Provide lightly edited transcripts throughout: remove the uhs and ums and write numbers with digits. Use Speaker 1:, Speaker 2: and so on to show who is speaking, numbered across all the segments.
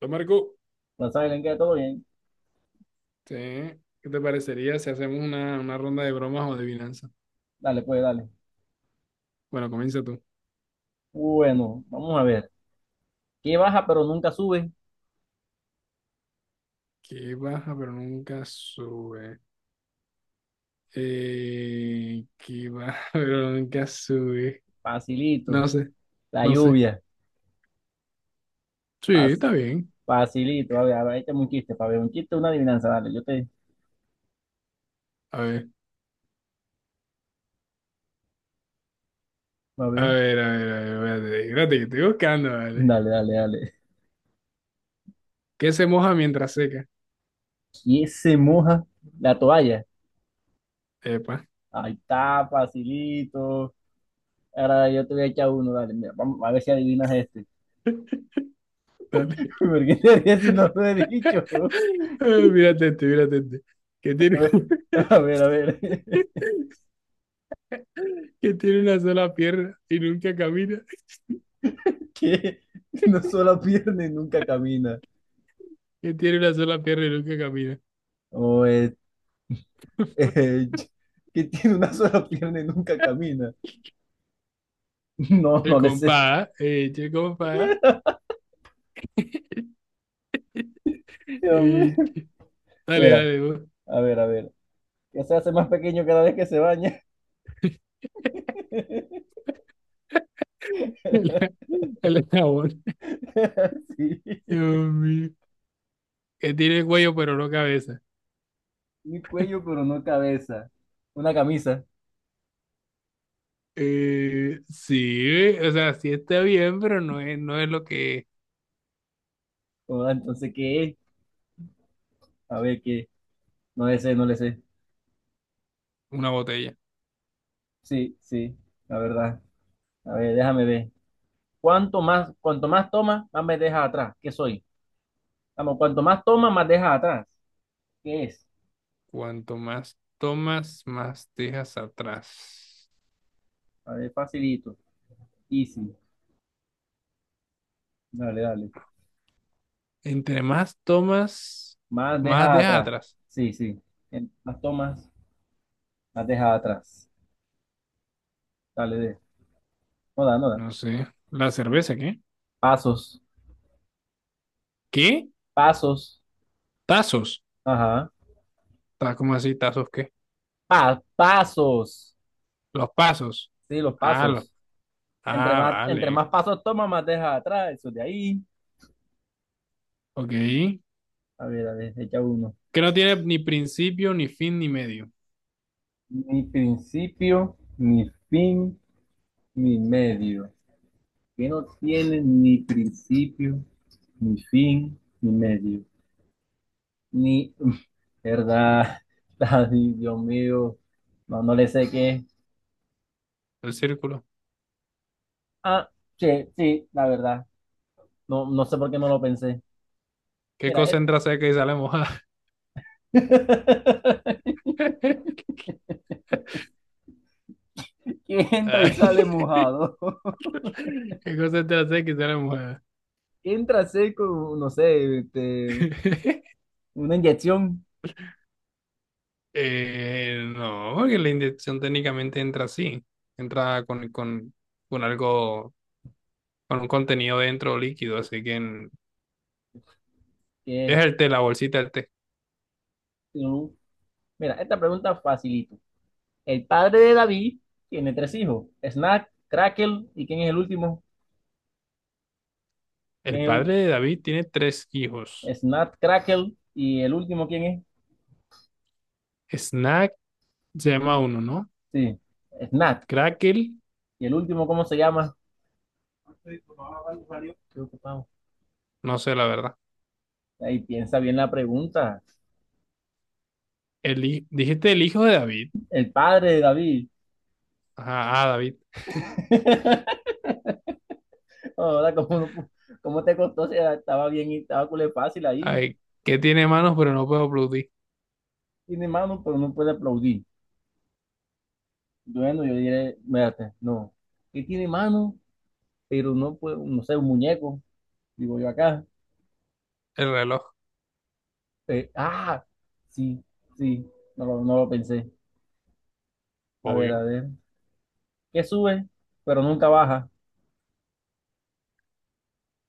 Speaker 1: Hola, Marco.
Speaker 2: Hola, Silent, ¿qué? ¿Todo bien?
Speaker 1: Sí, ¿qué te parecería si hacemos una ronda de bromas o de adivinanza?
Speaker 2: Dale, pues, dale.
Speaker 1: Bueno, comienza tú.
Speaker 2: Bueno, vamos a ver. ¿Qué baja pero nunca sube?
Speaker 1: ¿Que baja pero nunca sube? Que baja pero nunca sube.
Speaker 2: Facilito.
Speaker 1: No sé,
Speaker 2: La
Speaker 1: no sé.
Speaker 2: lluvia.
Speaker 1: Sí,
Speaker 2: Fas-
Speaker 1: está bien.
Speaker 2: facilito. A ver, ahí tengo un chiste, para ver. Un chiste, una adivinanza, dale. Yo te...
Speaker 1: A ver,
Speaker 2: A
Speaker 1: a
Speaker 2: ver.
Speaker 1: ver, a ver, a ver, espérate, que estoy buscando, vale.
Speaker 2: Dale, dale, dale.
Speaker 1: ¿Qué se moja mientras seca?
Speaker 2: ¿Quién se moja la toalla?
Speaker 1: Epa,
Speaker 2: Ahí está, facilito. Ahora yo te voy a echar uno, dale. Mira, vamos a ver si adivinas este.
Speaker 1: dale.
Speaker 2: ¿Por qué te ríes si no lo he dicho?
Speaker 1: Mírate este, mírate este. Que
Speaker 2: A
Speaker 1: tiene,
Speaker 2: ver, a ver, a ver.
Speaker 1: que tiene una sola pierna y nunca camina.
Speaker 2: ¿Qué? No solo pierde y nunca camina.
Speaker 1: Que tiene una sola pierna y nunca camina.
Speaker 2: O eh, que tiene una sola pierna y nunca camina. No,
Speaker 1: El
Speaker 2: no le sé.
Speaker 1: compás, eche el compás,
Speaker 2: Dios mío.
Speaker 1: eche. Dale,
Speaker 2: Mira,
Speaker 1: dale, vos.
Speaker 2: a ver, a ver. Ya se hace más pequeño cada vez que se baña.
Speaker 1: El jabón.
Speaker 2: Sí.
Speaker 1: Dios mío. Que tiene cuello pero no cabeza.
Speaker 2: Un cuello, pero no cabeza. Una camisa.
Speaker 1: Sí, o sea, sí está bien, pero no es lo que es
Speaker 2: Oh, entonces, ¿qué es? A ver, ¿qué? No le sé, no le sé.
Speaker 1: una botella.
Speaker 2: Sí, sí, la verdad. A ver, déjame ver. Cuanto más toma, más me deja atrás. ¿Qué soy? Vamos, cuanto más toma, más deja atrás. ¿Qué es?
Speaker 1: Cuanto más tomas, más dejas atrás.
Speaker 2: A ver, facilito. Easy. Dale, dale.
Speaker 1: Entre más tomas,
Speaker 2: Más
Speaker 1: más
Speaker 2: dejas
Speaker 1: dejas
Speaker 2: atrás.
Speaker 1: atrás.
Speaker 2: Sí, sí. Más tomas, más dejas atrás. Dale, de. No da.
Speaker 1: No sé. ¿La cerveza qué?
Speaker 2: Pasos,
Speaker 1: ¿Qué?
Speaker 2: pasos.
Speaker 1: Tazos.
Speaker 2: Ajá.
Speaker 1: ¿Cómo así? ¿Tazos qué?
Speaker 2: Pasos.
Speaker 1: Los pasos.
Speaker 2: Sí, los
Speaker 1: Ah, los...
Speaker 2: pasos. Entre
Speaker 1: ah,
Speaker 2: más, entre
Speaker 1: vale.
Speaker 2: más pasos tomas, más dejas atrás. Eso de ahí.
Speaker 1: Ok.
Speaker 2: A ver, echa uno.
Speaker 1: Que no tiene ni principio, ni fin, ni medio.
Speaker 2: Ni principio, ni fin, ni medio. Que no tiene ni principio, ni fin, ni medio. Ni, verdad. Ay, Dios mío. No, no le sé qué.
Speaker 1: El círculo.
Speaker 2: Ah, sí, sí, la verdad. No, no sé por qué no lo pensé.
Speaker 1: ¿Qué
Speaker 2: Mira,
Speaker 1: cosa
Speaker 2: él.
Speaker 1: entra seca y sale mojada?
Speaker 2: que entra y
Speaker 1: Ay,
Speaker 2: sale mojado.
Speaker 1: ¿qué cosa entra seca y sale mojada?
Speaker 2: Entra seco, no sé, una inyección.
Speaker 1: No, porque la inyección técnicamente entra así. Entra con algo, con un contenido dentro líquido. Así que es
Speaker 2: Que,
Speaker 1: el té, la bolsita del té.
Speaker 2: un- mira, esta pregunta facilito. El padre de David tiene tres hijos: Snack, Crackle, ¿y quién es el último? ¿Quién
Speaker 1: El
Speaker 2: es el
Speaker 1: padre de David tiene tres hijos.
Speaker 2: Snack, Crackle, ¿y el último quién es?
Speaker 1: Snack se llama uno, ¿no?
Speaker 2: Sí, Snack.
Speaker 1: Crackle,
Speaker 2: ¿Y el último cómo se llama? Estoy ocupado, Mario. Estoy ocupado.
Speaker 1: no sé la verdad.
Speaker 2: Ahí piensa bien la pregunta.
Speaker 1: El, dijiste el hijo de David.
Speaker 2: El padre de David.
Speaker 1: Ajá, ah, David.
Speaker 2: Ahora, cómo te costó. Si estaba bien y estaba culé fácil ahí.
Speaker 1: Ay, que tiene manos pero no puede producir.
Speaker 2: Tiene mano, pero no puede aplaudir. Bueno, yo diré, mírate, no. ¿Qué tiene mano? Pero no puede, no sé, un muñeco, digo yo acá.
Speaker 1: El reloj,
Speaker 2: Eh, ah, sí, sí, no lo pensé. A ver, a
Speaker 1: obvio.
Speaker 2: ver. ¿Qué sube, pero nunca baja?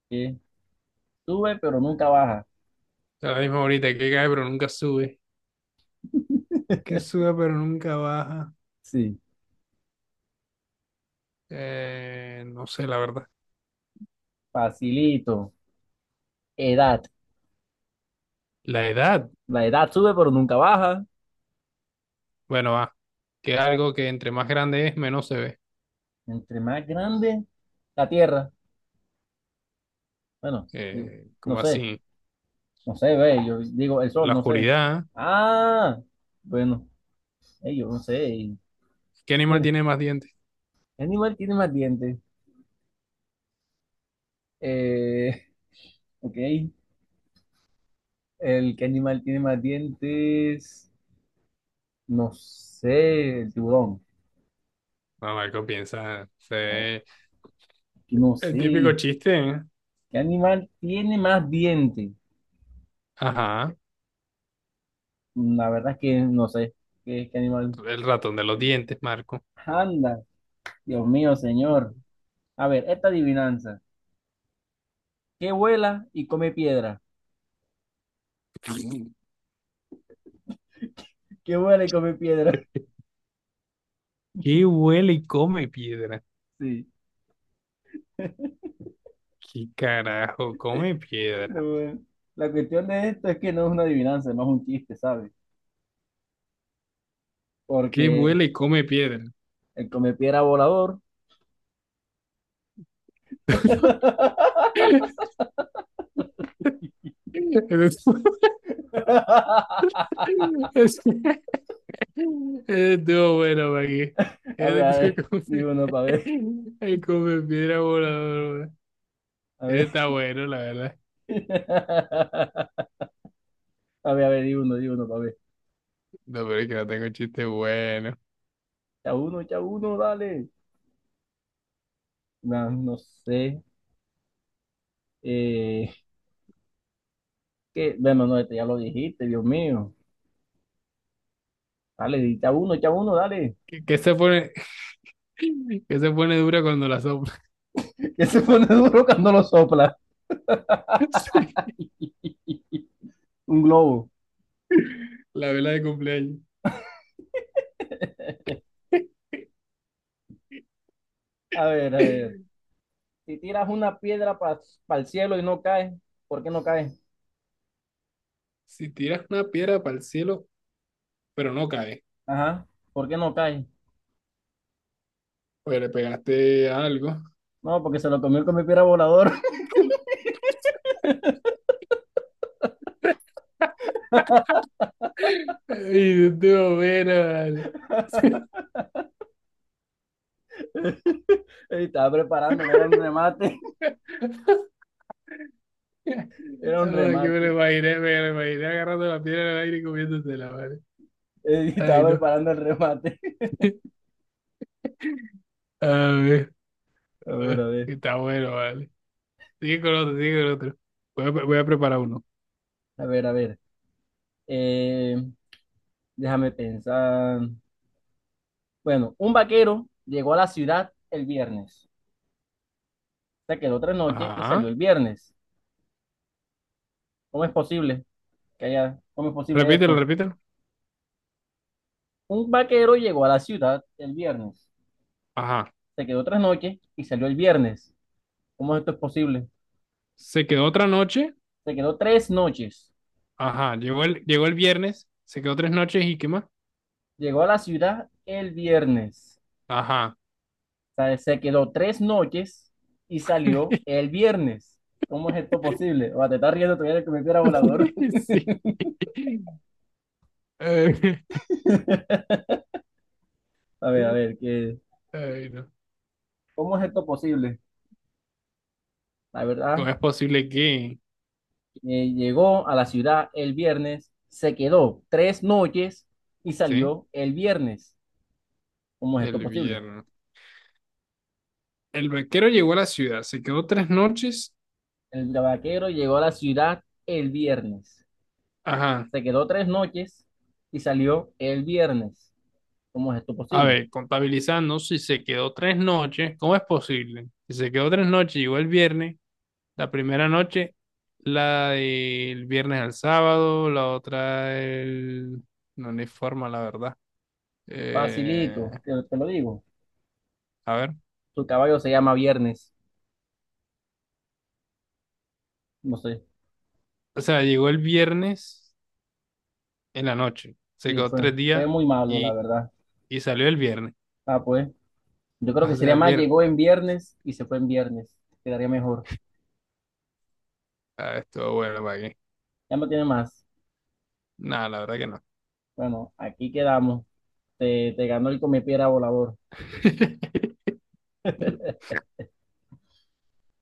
Speaker 2: ¿Qué sube, pero nunca baja?
Speaker 1: Es la misma ahorita, que cae pero nunca sube. Que sube pero nunca baja.
Speaker 2: Sí,
Speaker 1: No sé la verdad.
Speaker 2: facilito. Edad.
Speaker 1: La edad,
Speaker 2: La edad sube, pero nunca baja.
Speaker 1: bueno, va. Que algo que entre más grande es, menos se ve.
Speaker 2: Entre más grande, la tierra. Bueno, digo, no
Speaker 1: Como
Speaker 2: sé,
Speaker 1: así?
Speaker 2: no sé, ve, yo digo el sol,
Speaker 1: La
Speaker 2: no sé.
Speaker 1: oscuridad.
Speaker 2: Ah, bueno, yo no sé.
Speaker 1: ¿Qué animal
Speaker 2: Mira,
Speaker 1: tiene más dientes?
Speaker 2: ¿qué animal tiene más dientes? Eh, ok, el que animal tiene más dientes, no sé, el tiburón.
Speaker 1: No, Marco, piensa. Se
Speaker 2: No,
Speaker 1: ve
Speaker 2: aquí no
Speaker 1: el típico
Speaker 2: sé.
Speaker 1: chiste, ¿eh?
Speaker 2: ¿Qué animal tiene más dientes?
Speaker 1: Ajá.
Speaker 2: La verdad es que no sé. ¿ qué animal?
Speaker 1: El ratón de los dientes, Marco.
Speaker 2: Anda, Dios mío, señor. A ver, esta adivinanza. ¿Qué vuela y come piedra? ¿Qué vuela y come piedra?
Speaker 1: ¿Qué huele y come piedra?
Speaker 2: Sí.
Speaker 1: ¿Qué carajo come piedra?
Speaker 2: No, bueno. La cuestión de esto es que no es una adivinanza, no es más un chiste, ¿sabes?
Speaker 1: ¿Qué
Speaker 2: Porque
Speaker 1: huele y come piedra?
Speaker 2: el comepiedra volador.
Speaker 1: Es es- estuvo bueno, maggie, qué. Ese
Speaker 2: A ver,
Speaker 1: estuvo como
Speaker 2: di
Speaker 1: si-
Speaker 2: uno para ver.
Speaker 1: el come piedra volador, güey.
Speaker 2: A
Speaker 1: Ese
Speaker 2: ver.
Speaker 1: está bueno, la verdad.
Speaker 2: A ver, di uno para ver.
Speaker 1: No, pero es que no tengo chiste bueno.
Speaker 2: Ya uno, dale. No, no sé. Eh, bueno, no, este ya lo dijiste, Dios mío. Dale, di, ya uno, dale.
Speaker 1: ¿Qué, qué se pone, qué se pone dura cuando la sopla?
Speaker 2: Que se pone duro cuando lo sopla.
Speaker 1: Sí.
Speaker 2: Un globo.
Speaker 1: La vela de cumpleaños.
Speaker 2: A ver, a ver. Si tiras una piedra para el cielo y no cae, ¿por qué no cae?
Speaker 1: Si tiras una piedra para el cielo, pero no cae.
Speaker 2: Ajá, ¿por qué no cae?
Speaker 1: Pues le pegaste algo.
Speaker 2: No, porque se lo comió con mi piedra volador.
Speaker 1: Y tú, bueno, vale.
Speaker 2: Y estaba preparando, era un remate, era un
Speaker 1: Ahora que
Speaker 2: remate.
Speaker 1: me lo imaginé agarrando la piedra en el aire y comiéndosela, vale.
Speaker 2: Y
Speaker 1: Ay,
Speaker 2: estaba
Speaker 1: no.
Speaker 2: preparando el remate.
Speaker 1: A ver,
Speaker 2: A ver,
Speaker 1: ay,
Speaker 2: a ver,
Speaker 1: está bueno, vale. Sigue con otro, sigue con otro. Voy a, voy a preparar uno.
Speaker 2: a ver, a ver. Eh, déjame pensar. Bueno, un vaquero llegó a la ciudad el viernes. Se quedó tres noches y
Speaker 1: Ajá.
Speaker 2: salió el viernes. ¿Cómo es posible que haya, cómo es posible
Speaker 1: Repítelo,
Speaker 2: esto?
Speaker 1: repítelo.
Speaker 2: Un vaquero llegó a la ciudad el viernes.
Speaker 1: Ajá.
Speaker 2: Se quedó tres noches y salió el viernes. ¿Cómo esto es posible?
Speaker 1: Se quedó otra noche.
Speaker 2: Se quedó tres noches.
Speaker 1: Ajá. Llegó el viernes. Se quedó tres noches, ¿y qué más?
Speaker 2: Llegó a la ciudad el viernes.
Speaker 1: Ajá.
Speaker 2: O sea, se quedó tres noches y salió el viernes. ¿Cómo es esto posible? O sea, te estás riendo todavía de que me piedra volador.
Speaker 1: Sí. Ay,
Speaker 2: A ver, ¿qué?
Speaker 1: ay, no.
Speaker 2: ¿Cómo es esto posible? La
Speaker 1: ¿Cómo
Speaker 2: verdad,
Speaker 1: es posible que,
Speaker 2: llegó a la ciudad el viernes, se quedó tres noches y
Speaker 1: sí,
Speaker 2: salió el viernes. ¿Cómo es esto
Speaker 1: el
Speaker 2: posible?
Speaker 1: viernes? El vaquero llegó a la ciudad, se quedó tres noches.
Speaker 2: El vaquero llegó a la ciudad el viernes.
Speaker 1: Ajá.
Speaker 2: Se quedó tres noches y salió el viernes. ¿Cómo es esto
Speaker 1: A
Speaker 2: posible?
Speaker 1: ver, contabilizando, si se quedó tres noches, ¿cómo es posible? Si se quedó tres noches, llegó el viernes. La primera noche, la del viernes al sábado, la otra el... No, no hay forma, la verdad. Eh,
Speaker 2: Facilito, te lo digo.
Speaker 1: a ver.
Speaker 2: Su caballo se llama Viernes. No sé.
Speaker 1: O sea, llegó el viernes en la noche. Se
Speaker 2: Sí,
Speaker 1: quedó tres días
Speaker 2: fue muy malo, la
Speaker 1: y,
Speaker 2: verdad.
Speaker 1: y salió el viernes.
Speaker 2: Ah, pues. Yo creo
Speaker 1: O
Speaker 2: que
Speaker 1: sea,
Speaker 2: sería
Speaker 1: el
Speaker 2: más,
Speaker 1: viernes.
Speaker 2: llegó en viernes y se fue en viernes. Quedaría mejor.
Speaker 1: Ah, estuvo bueno para aquí.
Speaker 2: Ya no tiene más.
Speaker 1: No, la verdad que no.
Speaker 2: Bueno, aquí quedamos. Te ganó el comepiedra volador.